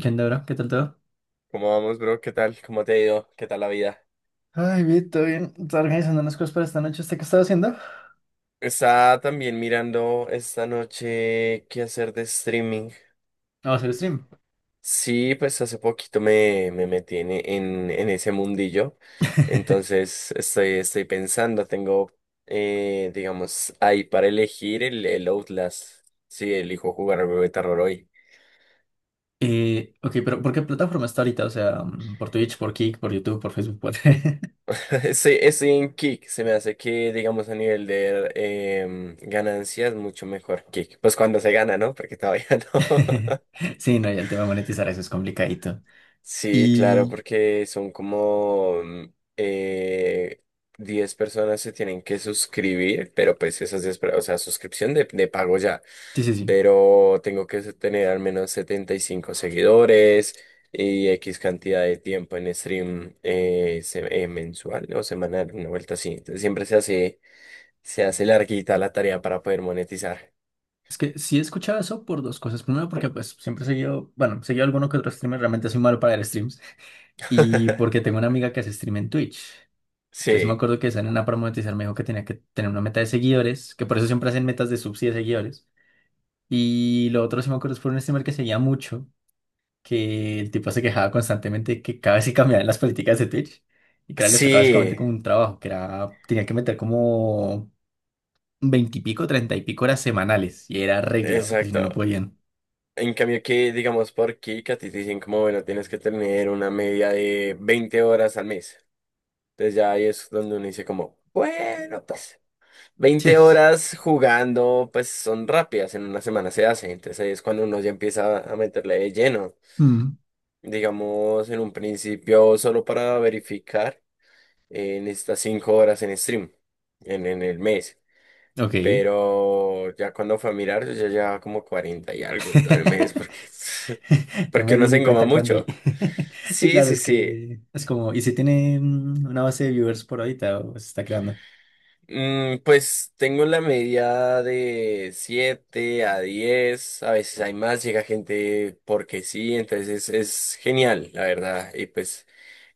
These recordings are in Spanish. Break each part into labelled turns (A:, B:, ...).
A: ¿Qué onda, bro? ¿Qué tal todo?
B: ¿Cómo vamos, bro? ¿Qué tal? ¿Cómo te ha ido? ¿Qué tal la vida?
A: Ay, bien, todo bien. Estaba organizando unas cosas para esta noche. ¿Usted qué estaba haciendo? Vamos
B: Estaba también mirando esta noche qué hacer de streaming.
A: a hacer stream.
B: Sí, pues hace poquito me metí en ese mundillo. Entonces estoy pensando, tengo, digamos, ahí para elegir el Outlast. Sí, elijo jugar al juego de terror hoy.
A: Ok, pero ¿por qué plataforma está ahorita? O sea, por Twitch, por Kick, por YouTube, por Facebook, por...
B: Estoy en Kick. Se me hace que, digamos, a nivel de ganancias, mucho mejor Kick. Pues cuando se gana, ¿no? Porque todavía no.
A: Sí, no, y el tema de monetizar eso es complicadito.
B: Sí, claro,
A: Y
B: porque son como 10 personas se tienen que suscribir, pero pues esas o sea, suscripción de pago ya,
A: sí, sí, sí.
B: pero tengo que tener al menos 75 seguidores y X cantidad de tiempo en stream mensual o semanal, una vuelta así. Entonces siempre se hace larguita la tarea para poder monetizar.
A: Es que sí he escuchado eso por dos cosas. Primero, porque pues siempre he seguido, bueno, he seguido alguno que otro streamer, realmente soy malo para ver streams. Y porque tengo una amiga que hace stream en Twitch. Entonces sí me
B: Sí,
A: acuerdo que esa nena para monetizar me dijo que tenía que tener una meta de seguidores, que por eso siempre hacen metas de subs y de seguidores. Y lo otro sí me acuerdo es por un streamer que seguía mucho, que el tipo se quejaba constantemente de que cada vez se cambiaban las políticas de Twitch y que a él les tocaba básicamente
B: sí,
A: como un trabajo, que era, tenía que meter como 20 y pico, 30 y pico horas semanales y era regla, porque si no, no
B: exacto.
A: podían.
B: En cambio que, digamos, por aquí, que a ti te dicen como, bueno, tienes que tener una media de 20 horas al mes. Entonces ya ahí es donde uno dice como, bueno, pues veinte
A: Ches.
B: horas jugando, pues son rápidas, en una semana se hace. Entonces ahí es cuando uno ya empieza a meterle de lleno.
A: Mm,
B: Digamos, en un principio, solo para verificar, en necesitas 5 horas en stream, en el mes.
A: ok.
B: Pero ya cuando fue a mirar, yo ya llevaba como 40 y algo en todo el mes, porque,
A: No me
B: porque
A: di
B: uno se
A: ni
B: engoma
A: cuenta cuándo.
B: mucho.
A: Sí,
B: Sí,
A: claro,
B: sí,
A: es
B: sí.
A: que es como, ¿y si tiene una base de viewers por ahorita o se está creando?
B: Mm, pues tengo la media de 7 a 10 a veces hay más, llega gente porque sí, entonces es genial, la verdad. Y pues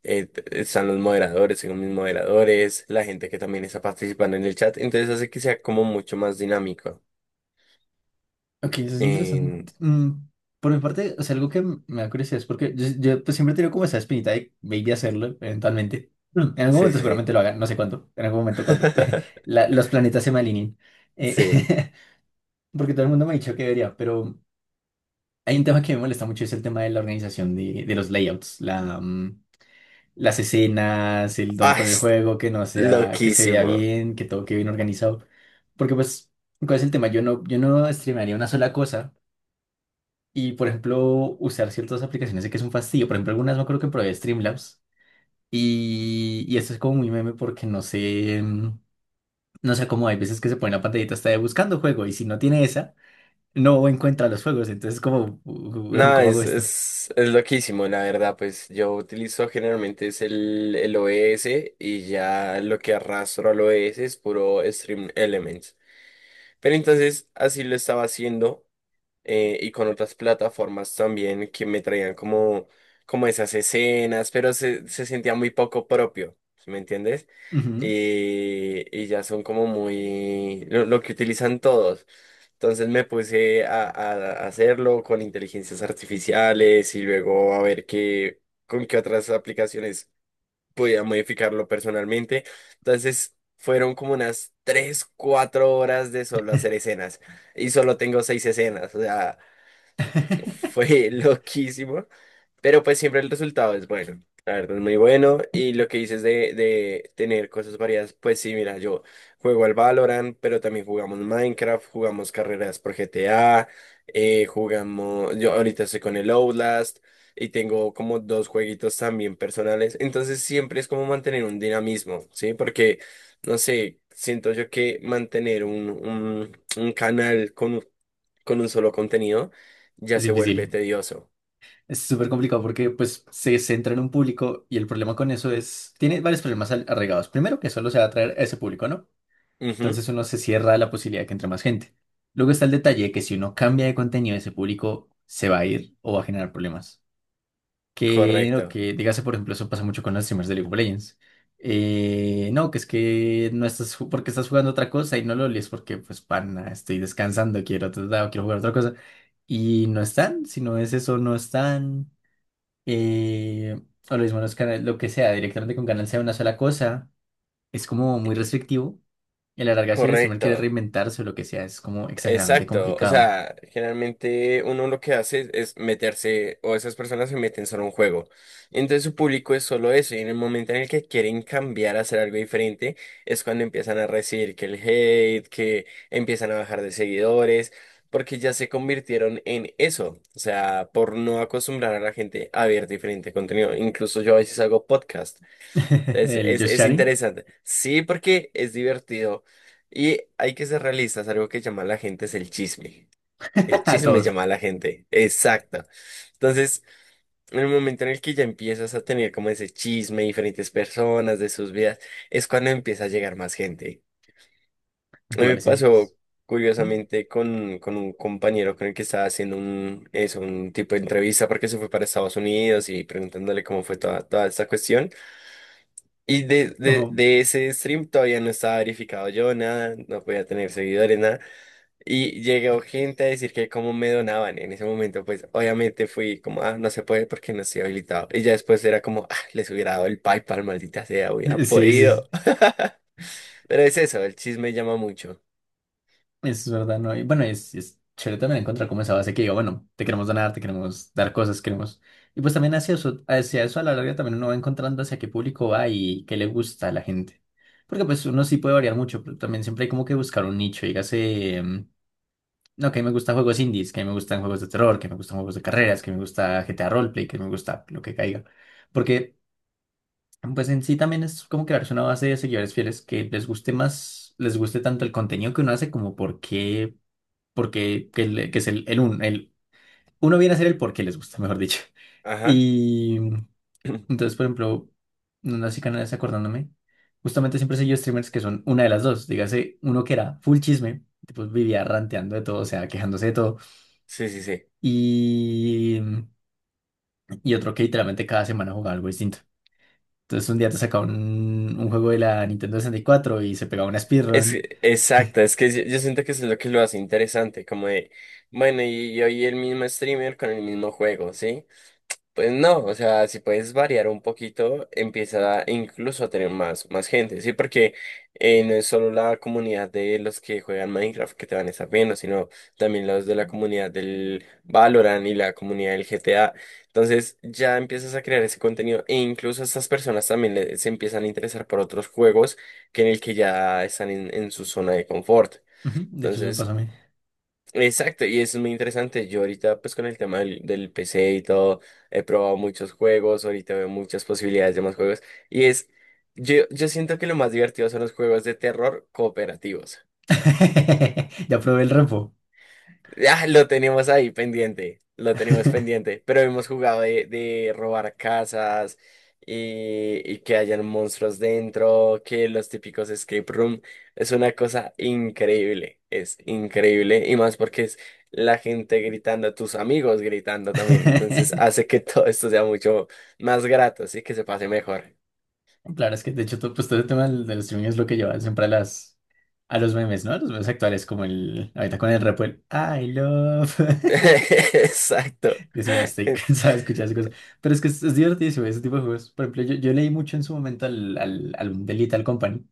B: están los moderadores, tengo mis moderadores, la gente que también está participando en el chat, entonces hace que sea como mucho más dinámico.
A: Ok, eso es interesante.
B: En-
A: Por mi parte, o sea, algo que me da curiosidad es porque yo, pues, siempre he tenido como esa espinita de maybe hacerlo eventualmente. En algún
B: Sí,
A: momento
B: sí, sí.
A: seguramente lo hagan, no sé cuándo, en algún momento cuando los planetas se me alineen. Eh,
B: Sí.
A: porque todo el mundo me ha dicho que debería, pero hay un tema que me molesta mucho, es el tema de la organización de los layouts, la, las escenas, el dónde
B: Ah,
A: poner el
B: es
A: juego, que no sea, que se vea
B: loquísimo.
A: bien, que todo quede bien organizado. Porque pues, ¿cuál es el tema? Yo no streamearía una sola cosa y, por ejemplo, usar ciertas aplicaciones sé que es un fastidio. Por ejemplo, algunas no creo que probé Streamlabs y esto es como muy meme porque no sé, no sé cómo hay veces que se pone la pantallita hasta de buscando juego y si no tiene esa, no encuentra los juegos. Entonces, como, "Weón,
B: No,
A: ¿cómo hago esto?
B: es loquísimo, la verdad. Pues yo utilizo generalmente es el OBS y ya lo que arrastro al OBS es puro Stream Elements. Pero entonces así lo estaba haciendo y con otras plataformas también que me traían como, como esas escenas, pero se sentía muy poco propio, ¿sí me entiendes?
A: Ujú.
B: Y ya son como muy lo que utilizan todos. Entonces me puse a hacerlo con inteligencias artificiales y luego a ver qué, con qué otras aplicaciones podía modificarlo personalmente. Entonces fueron como unas 3 4 horas de solo hacer escenas y solo tengo 6 escenas. O sea, fue loquísimo. Pero pues siempre el resultado es bueno, la verdad es muy bueno. Y lo que dices de tener cosas variadas, pues sí, mira, yo juego al Valorant, pero también jugamos Minecraft, jugamos carreras por GTA, jugamos, yo ahorita estoy con el Outlast y tengo como dos jueguitos también personales. Entonces siempre es como mantener un dinamismo, ¿sí? Porque, no sé, siento yo que mantener un canal con un solo contenido ya
A: Es
B: se vuelve
A: difícil.
B: tedioso.
A: Es súper complicado porque pues se centra en un público y el problema con eso es, tiene varios problemas arraigados. Primero, que solo se va a atraer a ese público, ¿no?
B: Ujú.
A: Entonces uno se cierra a la posibilidad de que entre más gente. Luego está el detalle de que si uno cambia de contenido, ese público se va a ir o va a generar problemas. Que,
B: Correcto,
A: lo que dígase, por ejemplo, eso pasa mucho con los streamers de League of Legends. No, que es que no estás, porque estás jugando otra cosa y no lo lees porque, pues, pana, estoy descansando, quiero, otro lado, quiero jugar otra cosa. Y no están, si no es eso, no están eh, o lo mismo los canales, lo que sea, directamente con Canal sea una sola cosa, es como muy restrictivo. Y a la larga, si el streamer quiere
B: correcto,
A: reinventarse o lo que sea, es como exageradamente
B: exacto. O
A: complicado.
B: sea, generalmente uno lo que hace es meterse, o esas personas se meten solo a un juego. Entonces su público es solo eso, y en el momento en el que quieren cambiar a hacer algo diferente, es cuando empiezan a recibir que el hate, que empiezan a bajar de seguidores, porque ya se convirtieron en eso. O sea, por no acostumbrar a la gente a ver diferente contenido. Incluso yo a veces hago podcast.
A: El just
B: Es
A: chatting
B: interesante. Sí, porque es divertido. Y hay que ser realistas. Algo que llama a la gente es el chisme. El
A: a
B: chisme
A: todos,
B: llama a la gente. Exacto. Entonces, en el momento en el que ya empiezas a tener como ese chisme, diferentes personas de sus vidas, es cuando empieza a llegar más gente. A mí me
A: iguales siempre.
B: pasó curiosamente con un compañero con el que estaba haciendo un, eso, un tipo de entrevista porque se fue para Estados Unidos y preguntándole cómo fue toda, toda esta cuestión. Y
A: Ujú.
B: de ese stream todavía no estaba verificado yo, nada, no podía tener seguidores, nada. Y llegó gente a decir que cómo me donaban en ese momento, pues obviamente fui como, ah, no se puede porque no estoy habilitado. Y ya después era como, ah, les hubiera dado el PayPal, maldita sea, hubiera
A: Sí, sí,
B: podido.
A: sí.
B: Pero es eso, el chisme llama mucho.
A: Es verdad, ¿no? Y bueno, es chévere también encontrar como esa base que diga, bueno, te queremos donar, te queremos dar cosas, queremos... Y pues también hacia eso a la larga también uno va encontrando hacia qué público va y qué le gusta a la gente. Porque pues uno sí puede variar mucho, pero también siempre hay como que buscar un nicho. Dígase, no, que a mí me gustan juegos indies, que a mí me gustan juegos de terror, que me gustan juegos de carreras, que me gusta GTA Roleplay, que me gusta lo que caiga. Porque pues en sí también es como crearse una base de seguidores fieles que les guste más, les guste tanto el contenido que uno hace como por qué porque que, que es el uno viene a ser el por qué les gusta, mejor dicho.
B: Ajá.
A: Y entonces, por ejemplo, no sé canales acordándome, justamente siempre he seguido streamers que son una de las dos. Dígase, uno que era full chisme, tipo vivía ranteando de todo, o sea, quejándose de todo,
B: Sí, sí, sí.
A: y, y otro que literalmente cada semana jugaba algo distinto. Entonces un día te sacaba un juego de la Nintendo 64 y cuatro y se pegaba una speedrun.
B: Exacto, es que yo siento que eso es lo que lo hace interesante, como de, bueno, y hoy el mismo streamer con el mismo juego, ¿sí? Pues no, o sea, si puedes variar un poquito, incluso a tener más, más gente, ¿sí? Porque no es solo la comunidad de los que juegan Minecraft que te van a estar viendo, sino también los de la comunidad del Valorant y la comunidad del GTA. Entonces ya empiezas a crear ese contenido e incluso estas personas también se empiezan a interesar por otros juegos que en el que ya están en su zona de confort.
A: Ujú. De hecho, eso me pasó
B: Entonces
A: a mí.
B: exacto, y eso es muy interesante. Yo ahorita, pues con el tema del PC y todo, he probado muchos juegos, ahorita veo muchas posibilidades de más juegos. Y es, yo, yo siento que lo más divertido son los juegos de terror cooperativos.
A: Ya probé el repo.
B: Ah, lo tenemos ahí pendiente, lo tenemos pendiente, pero hemos jugado de robar casas y que hayan monstruos dentro, que los típicos escape room, es una cosa increíble, es increíble y más porque es la gente gritando, tus amigos gritando también, entonces hace que todo esto sea mucho más grato, sí, que se pase mejor.
A: Claro, es que de hecho todo, pues, todo el tema del, del streaming es lo que lleva siempre a las a los memes, ¿no? A los memes actuales, como el ahorita con el rap, el I love.
B: Exacto.
A: Dios mío, estoy cansado de escuchar esas cosas. Pero es que es divertidísimo ese tipo de juegos. Por ejemplo, yo leí mucho en su momento al, al álbum de Lethal Company.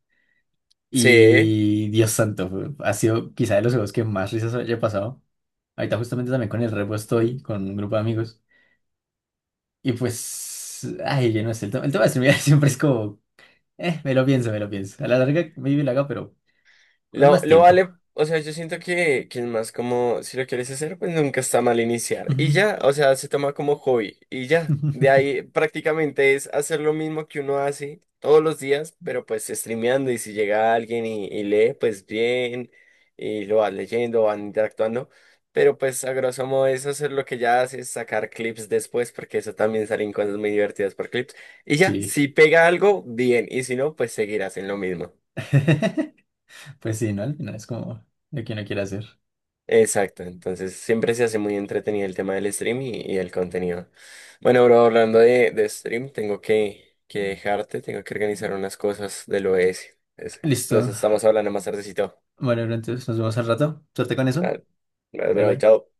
B: Sí.
A: Y Dios santo, ha sido quizá de los juegos que más risas haya pasado. Ahorita justamente también con el repo estoy, con un grupo de amigos. Y pues, ay, yo no sé, el, el tema de streaming siempre es como, me lo pienso, me lo pienso. A la larga, maybe lo haga, pero. Con más
B: Lo
A: tiempo.
B: vale, o sea, yo siento que es más como, si lo quieres hacer, pues nunca está mal iniciar. Y
A: Ujú.
B: ya, o sea, se toma como hobby y ya. De ahí prácticamente es hacer lo mismo que uno hace todos los días, pero pues streameando y si llega alguien y lee, pues bien, y lo vas leyendo, van interactuando. Pero pues a grosso modo es hacer lo que ya haces, sacar clips después, porque eso también salen cosas muy divertidas por clips. Y ya,
A: Sí.
B: si pega algo, bien, y si no, pues seguirás en lo mismo.
A: Pues sí, ¿no? Al final es como lo que uno quiere hacer.
B: Exacto, entonces siempre se hace muy entretenido el tema del stream y el contenido. Bueno, bro, hablando de stream, tengo que dejarte, tengo que organizar unas cosas del OS. Ese. Nos
A: Listo.
B: estamos hablando más tardecito.
A: Bueno, entonces nos vemos al rato. Suerte con eso.
B: Ah,
A: Bye
B: bro,
A: bye.
B: chao.